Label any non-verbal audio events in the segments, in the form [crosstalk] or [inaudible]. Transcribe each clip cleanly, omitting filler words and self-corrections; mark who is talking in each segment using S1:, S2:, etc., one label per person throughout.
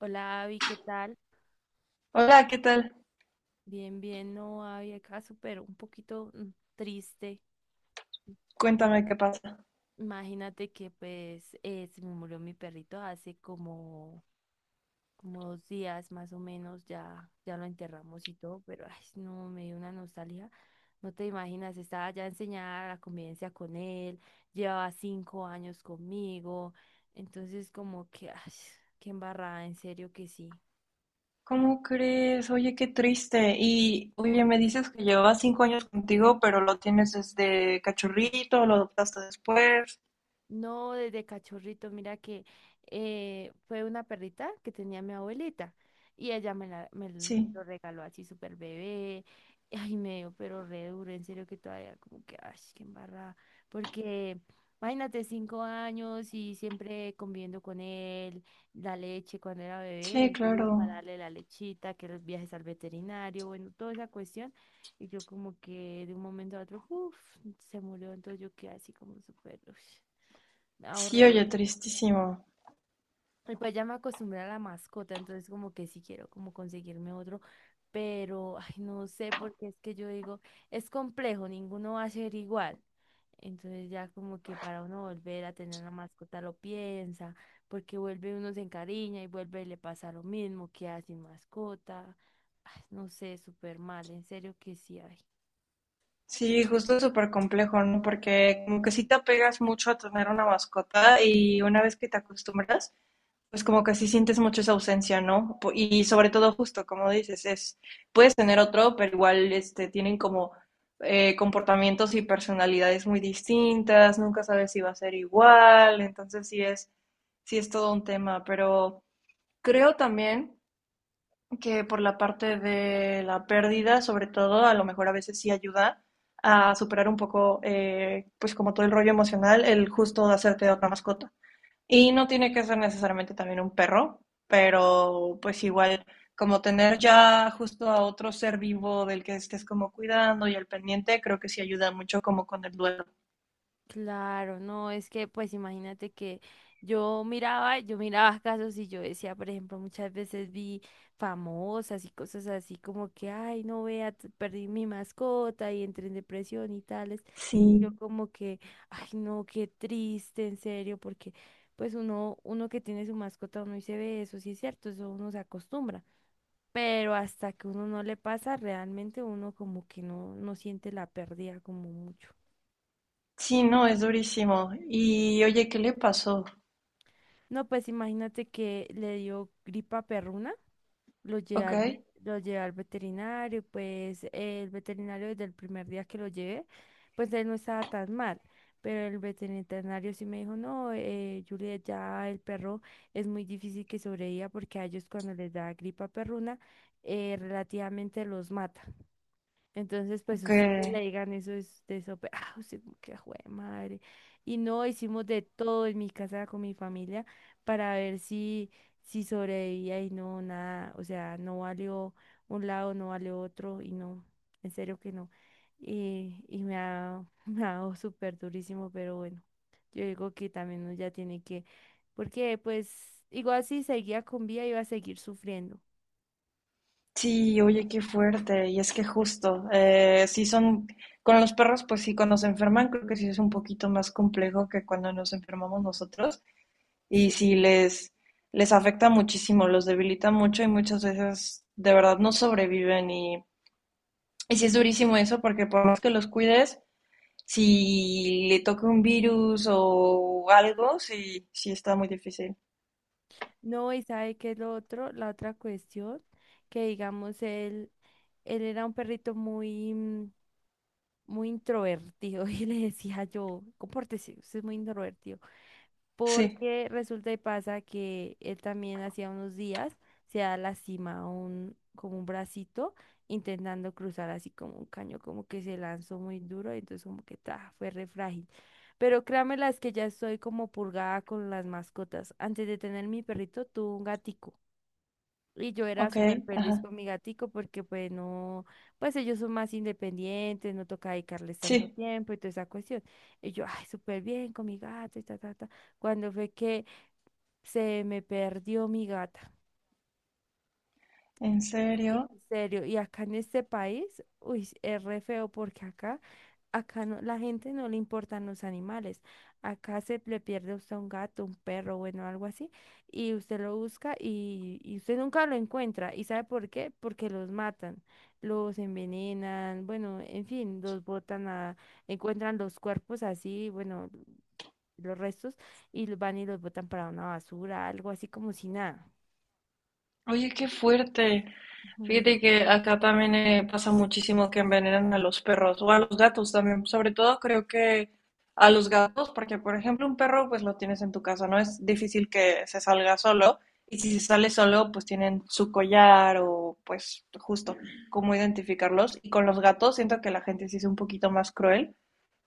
S1: Hola, Abby, ¿qué tal?
S2: Hola, ¿qué tal?
S1: Bien, bien, no, Abby, acá súper un poquito triste.
S2: Cuéntame qué pasa.
S1: Imagínate que pues se me murió mi perrito hace como, como 2 días más o menos, ya lo enterramos y todo, pero ay, no, me dio una nostalgia. No te imaginas, estaba ya enseñada la convivencia con él, llevaba 5 años conmigo, entonces como que, ay, qué embarrada, en serio que sí.
S2: ¿Cómo crees? Oye, qué triste. Y, oye,
S1: Sí.
S2: me dices que llevabas 5 años contigo, pero lo tienes desde cachorrito, lo adoptaste después.
S1: No, desde cachorrito, mira que fue una perrita que tenía mi abuelita y ella me, la, me, l- me
S2: Sí,
S1: lo regaló así súper bebé. [laughs] Ay, me dio pero re duro, en serio que todavía como que, ay, qué embarrada. Porque imagínate, 5 años y siempre conviviendo con él, la leche cuando era bebé,
S2: sí,
S1: entonces para
S2: claro.
S1: darle la lechita, que los viajes al veterinario, bueno, toda esa cuestión. Y yo como que de un momento a otro, puff, se murió, entonces yo quedé así como súper, ush,
S2: Sí,
S1: ahorré
S2: oye,
S1: uno.
S2: tristísimo.
S1: Y pues ya me acostumbré a la mascota, entonces como que sí quiero como conseguirme otro, pero ay, no sé, porque es que yo digo, es complejo, ninguno va a ser igual. Entonces ya como que para uno volver a tener una mascota lo piensa, porque vuelve uno se encariña y vuelve y le pasa lo mismo, queda sin mascota. Ay, no sé, súper mal, en serio que sí hay.
S2: Sí, justo es súper complejo, ¿no? Porque como que sí te apegas mucho a tener una mascota y una vez que te acostumbras, pues como que sí sientes mucho esa ausencia, ¿no? Y sobre todo justo, como dices, es, puedes tener otro, pero igual este, tienen como comportamientos y personalidades muy distintas, nunca sabes si va a ser igual, entonces sí es todo un tema, pero creo también que por la parte de la pérdida, sobre todo, a lo mejor a veces sí ayuda a superar un poco, pues como todo el rollo emocional, el justo de hacerte otra mascota. Y no tiene que ser necesariamente también un perro, pero pues igual como tener ya justo a otro ser vivo del que estés como cuidando y al pendiente, creo que sí ayuda mucho como con el duelo.
S1: Claro, no, es que pues imagínate que yo miraba casos y yo decía, por ejemplo, muchas veces vi famosas y cosas así como que, ay, no vea, perdí mi mascota y entré en depresión y tales. Y yo
S2: Sí.
S1: como que, ay, no, qué triste, en serio, porque pues uno que tiene su mascota, uno y se ve eso, sí es cierto, eso uno se acostumbra. Pero hasta que uno no le pasa, realmente uno como que no siente la pérdida como mucho.
S2: Sí, no, es durísimo. Y oye, ¿qué le pasó?
S1: No, pues imagínate que le dio gripa perruna,
S2: Ok,
S1: lo llevé al veterinario, pues el veterinario desde el primer día que lo llevé, pues él no estaba tan mal, pero el veterinario sí me dijo, no, Juliet, ya el perro es muy difícil que sobreviva porque a ellos cuando les da gripa perruna, relativamente los mata. Entonces, pues
S2: ok.
S1: usted que le digan eso es de eso, [laughs] ah, usted como que jue madre. Y no hicimos de todo en mi casa con mi familia para ver si sobrevivía y no, nada, o sea, no valió un lado, no valió otro y no, en serio que no. [laughs] Me ha dado súper durísimo, pero bueno, yo digo que también uno ya tiene que, porque pues igual si seguía con vida iba a seguir sufriendo.
S2: Sí, oye, qué fuerte. Y es que justo, con los perros, pues sí, cuando se enferman, creo que sí es un poquito más complejo que cuando nos enfermamos nosotros. Y si les afecta muchísimo, los debilita mucho y muchas veces de verdad no sobreviven y sí es durísimo eso porque por más que los cuides, si le toca un virus o algo, sí, sí está muy difícil.
S1: No, y sabe que es lo otro, la otra cuestión, que digamos él era un perrito muy introvertido [laughs] y le decía yo, compórtese, usted es muy introvertido,
S2: Sí,
S1: porque resulta y pasa que él también hacía unos días se ha lastimado como un bracito intentando cruzar así como un caño, como que se lanzó muy duro y entonces como que ta, fue re frágil. Pero créanme las que ya estoy como purgada con las mascotas. Antes de tener mi perrito, tuve un gatico. Y yo era
S2: ok,
S1: súper feliz
S2: ajá,
S1: con mi gatico porque pues no, pues ellos son más independientes, no toca dedicarles tanto
S2: sí,
S1: tiempo y toda esa cuestión. Y yo, ay, súper bien con mi gato y ta, ta, ta. Cuando fue que se me perdió mi gata.
S2: en serio.
S1: En serio, y acá en este país, uy, es re feo porque acá no, la gente no le importan los animales. Acá se le pierde a usted un gato, un perro, bueno, algo así, y usted lo busca y usted nunca lo encuentra. ¿Y sabe por qué? Porque los matan, los envenenan, bueno, en fin, encuentran los cuerpos así, bueno, los restos, y los van y los botan para una basura, algo así como si nada.
S2: Oye, qué fuerte.
S1: Ujú.
S2: Fíjate que acá también pasa muchísimo que envenenan a los perros o a los gatos también. Sobre todo creo que a los gatos, porque por ejemplo un perro pues lo tienes en tu casa, no es difícil que se salga solo. Y si se sale solo, pues tienen su collar o pues justo cómo identificarlos. Y con los gatos siento que la gente sí es un poquito más cruel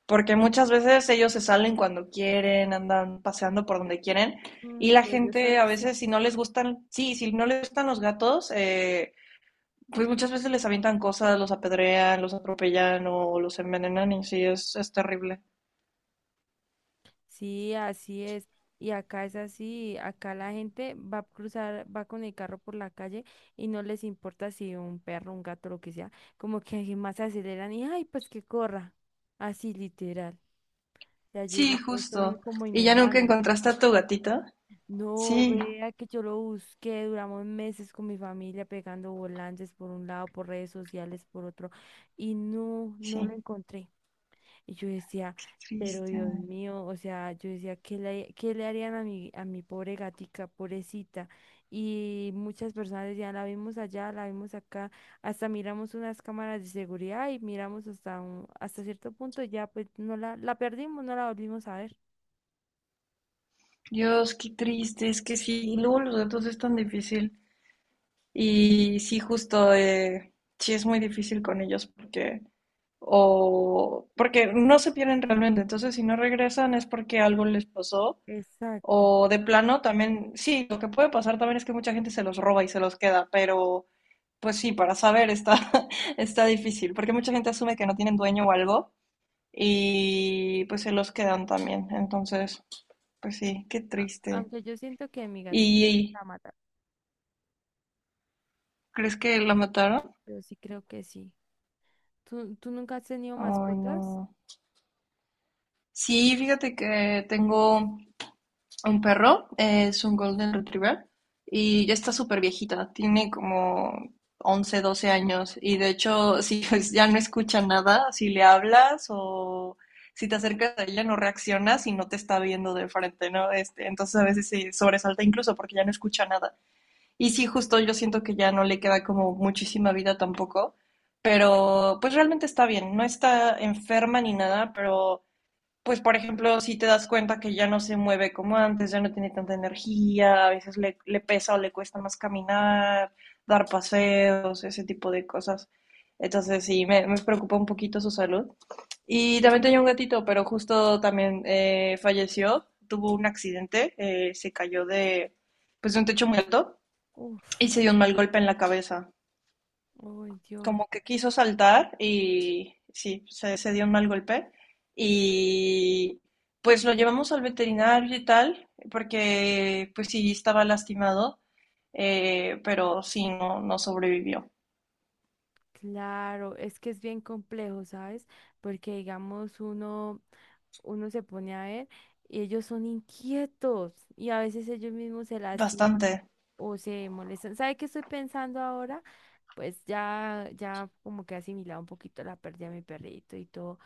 S2: porque muchas veces ellos se salen cuando quieren, andan paseando por donde quieren.
S1: Mm,
S2: Y la
S1: sí, ellos
S2: gente
S1: son [laughs]
S2: a
S1: así.
S2: veces si no les gustan, sí, si no les gustan los gatos, pues muchas veces les avientan cosas, los apedrean, los atropellan o los envenenan y sí, es terrible.
S1: Sí, así es. Y acá es así, acá la gente va a cruzar, va con el carro por la calle y no les importa si un perro, un gato, lo que sea, como que más aceleran y ay, pues que corra. Así literal. Ya yo
S2: Sí,
S1: digo, pues son
S2: justo.
S1: como
S2: ¿Y ya nunca
S1: inhumanos.
S2: encontraste a tu gatita?
S1: No
S2: Sí,
S1: vea que yo lo busqué, duramos meses con mi familia pegando volantes por un lado, por redes sociales, por otro, y no, no
S2: sí,
S1: lo encontré. Y yo decía,
S2: qué
S1: pero
S2: triste.
S1: Dios mío, o sea, yo decía, ¿qué le harían a a mi pobre gatica, pobrecita? Y muchas personas decían, la vimos allá, la vimos acá, hasta miramos unas cámaras de seguridad y miramos hasta un, hasta cierto punto, y ya pues la perdimos, no la volvimos a ver.
S2: Dios, qué triste, es que sí, y luego los gatos es tan difícil. Y sí, justo, sí es muy difícil con ellos porque no se pierden realmente. Entonces, si no regresan es porque algo les pasó.
S1: Exacto.
S2: O de plano también, sí, lo que puede pasar también es que mucha gente se los roba y se los queda, pero pues sí, para saber está, [laughs] está difícil, porque mucha gente asume que no tienen dueño o algo y pues se los quedan también. Entonces, pues sí, qué triste.
S1: Aunque yo siento que mi gatica
S2: ¿Y
S1: la mata.
S2: crees que la mataron?
S1: Yo sí creo que sí. ¿Tú nunca has tenido
S2: Ay,
S1: mascotas?
S2: no. Sí, fíjate que tengo un perro, es un Golden Retriever y ya está súper viejita, tiene como 11, 12 años y de hecho si [laughs] pues, ya no escucha nada, si le hablas o si te acercas a ella no reaccionas y no te está viendo de frente, ¿no? Este, entonces a veces se sobresalta incluso porque ya no escucha nada. Y sí, justo yo siento que ya no le queda como muchísima vida tampoco, pero pues realmente está bien, no está enferma ni nada, pero pues por ejemplo, si te das cuenta que ya no se mueve como antes, ya no tiene tanta energía, a veces le pesa o le cuesta más caminar, dar paseos, ese tipo de cosas. Entonces sí, me preocupa un poquito su salud. Y también tenía un gatito, pero justo también falleció, tuvo un accidente, se cayó de un techo muy alto y
S1: Uf,
S2: se dio un mal golpe en la cabeza
S1: ay Dios.
S2: como que quiso saltar y sí, se dio un mal golpe. Y pues lo llevamos al veterinario y tal, porque pues sí estaba lastimado, pero sí, no, no sobrevivió.
S1: Claro, es que es bien complejo, ¿sabes? Porque digamos uno, uno se pone a ver y ellos son inquietos y a veces ellos mismos se lastiman
S2: Bastante,
S1: o se molestan. ¿Sabe qué estoy pensando ahora? Pues ya como que he asimilado un poquito la pérdida de mi perrito y todo.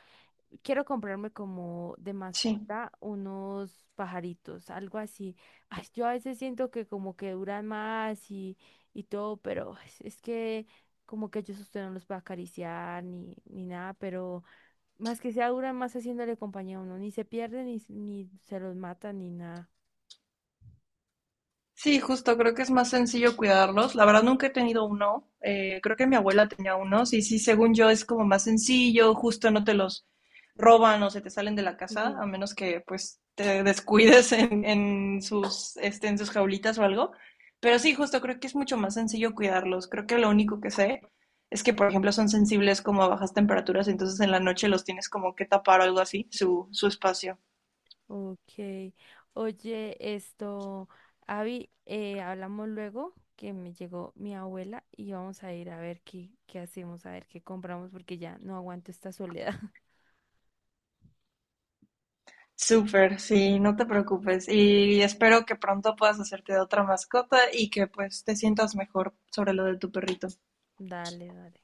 S1: Quiero comprarme como de
S2: sí.
S1: mascota unos pajaritos, algo así. Ay, yo a veces siento que como que duran más y todo, pero es que como que yo usted no los puede acariciar ni nada, pero más que sea duran más haciéndole compañía a uno, ni se pierden, ni se los matan, ni nada.
S2: Sí, justo, creo que es más sencillo cuidarlos. La verdad nunca he tenido uno. Creo que mi abuela tenía unos y sí, según yo es como más sencillo, justo no te los roban o se te salen de la casa,
S1: Sí.
S2: a menos que pues te descuides en en sus jaulitas o algo. Pero sí, justo creo que es mucho más sencillo cuidarlos. Creo que lo único que sé es que, por ejemplo, son sensibles como a bajas temperaturas, entonces en la noche los tienes como que tapar o algo así, su espacio.
S1: Ok. Oye, esto, Avi, hablamos luego que me llegó mi abuela y vamos a ir a ver qué hacemos, a ver qué compramos porque ya no aguanto esta soledad. [laughs]
S2: Súper, sí, no te preocupes. Y espero que pronto puedas hacerte de otra mascota y que pues te sientas mejor sobre lo de tu perrito.
S1: Dale, dale.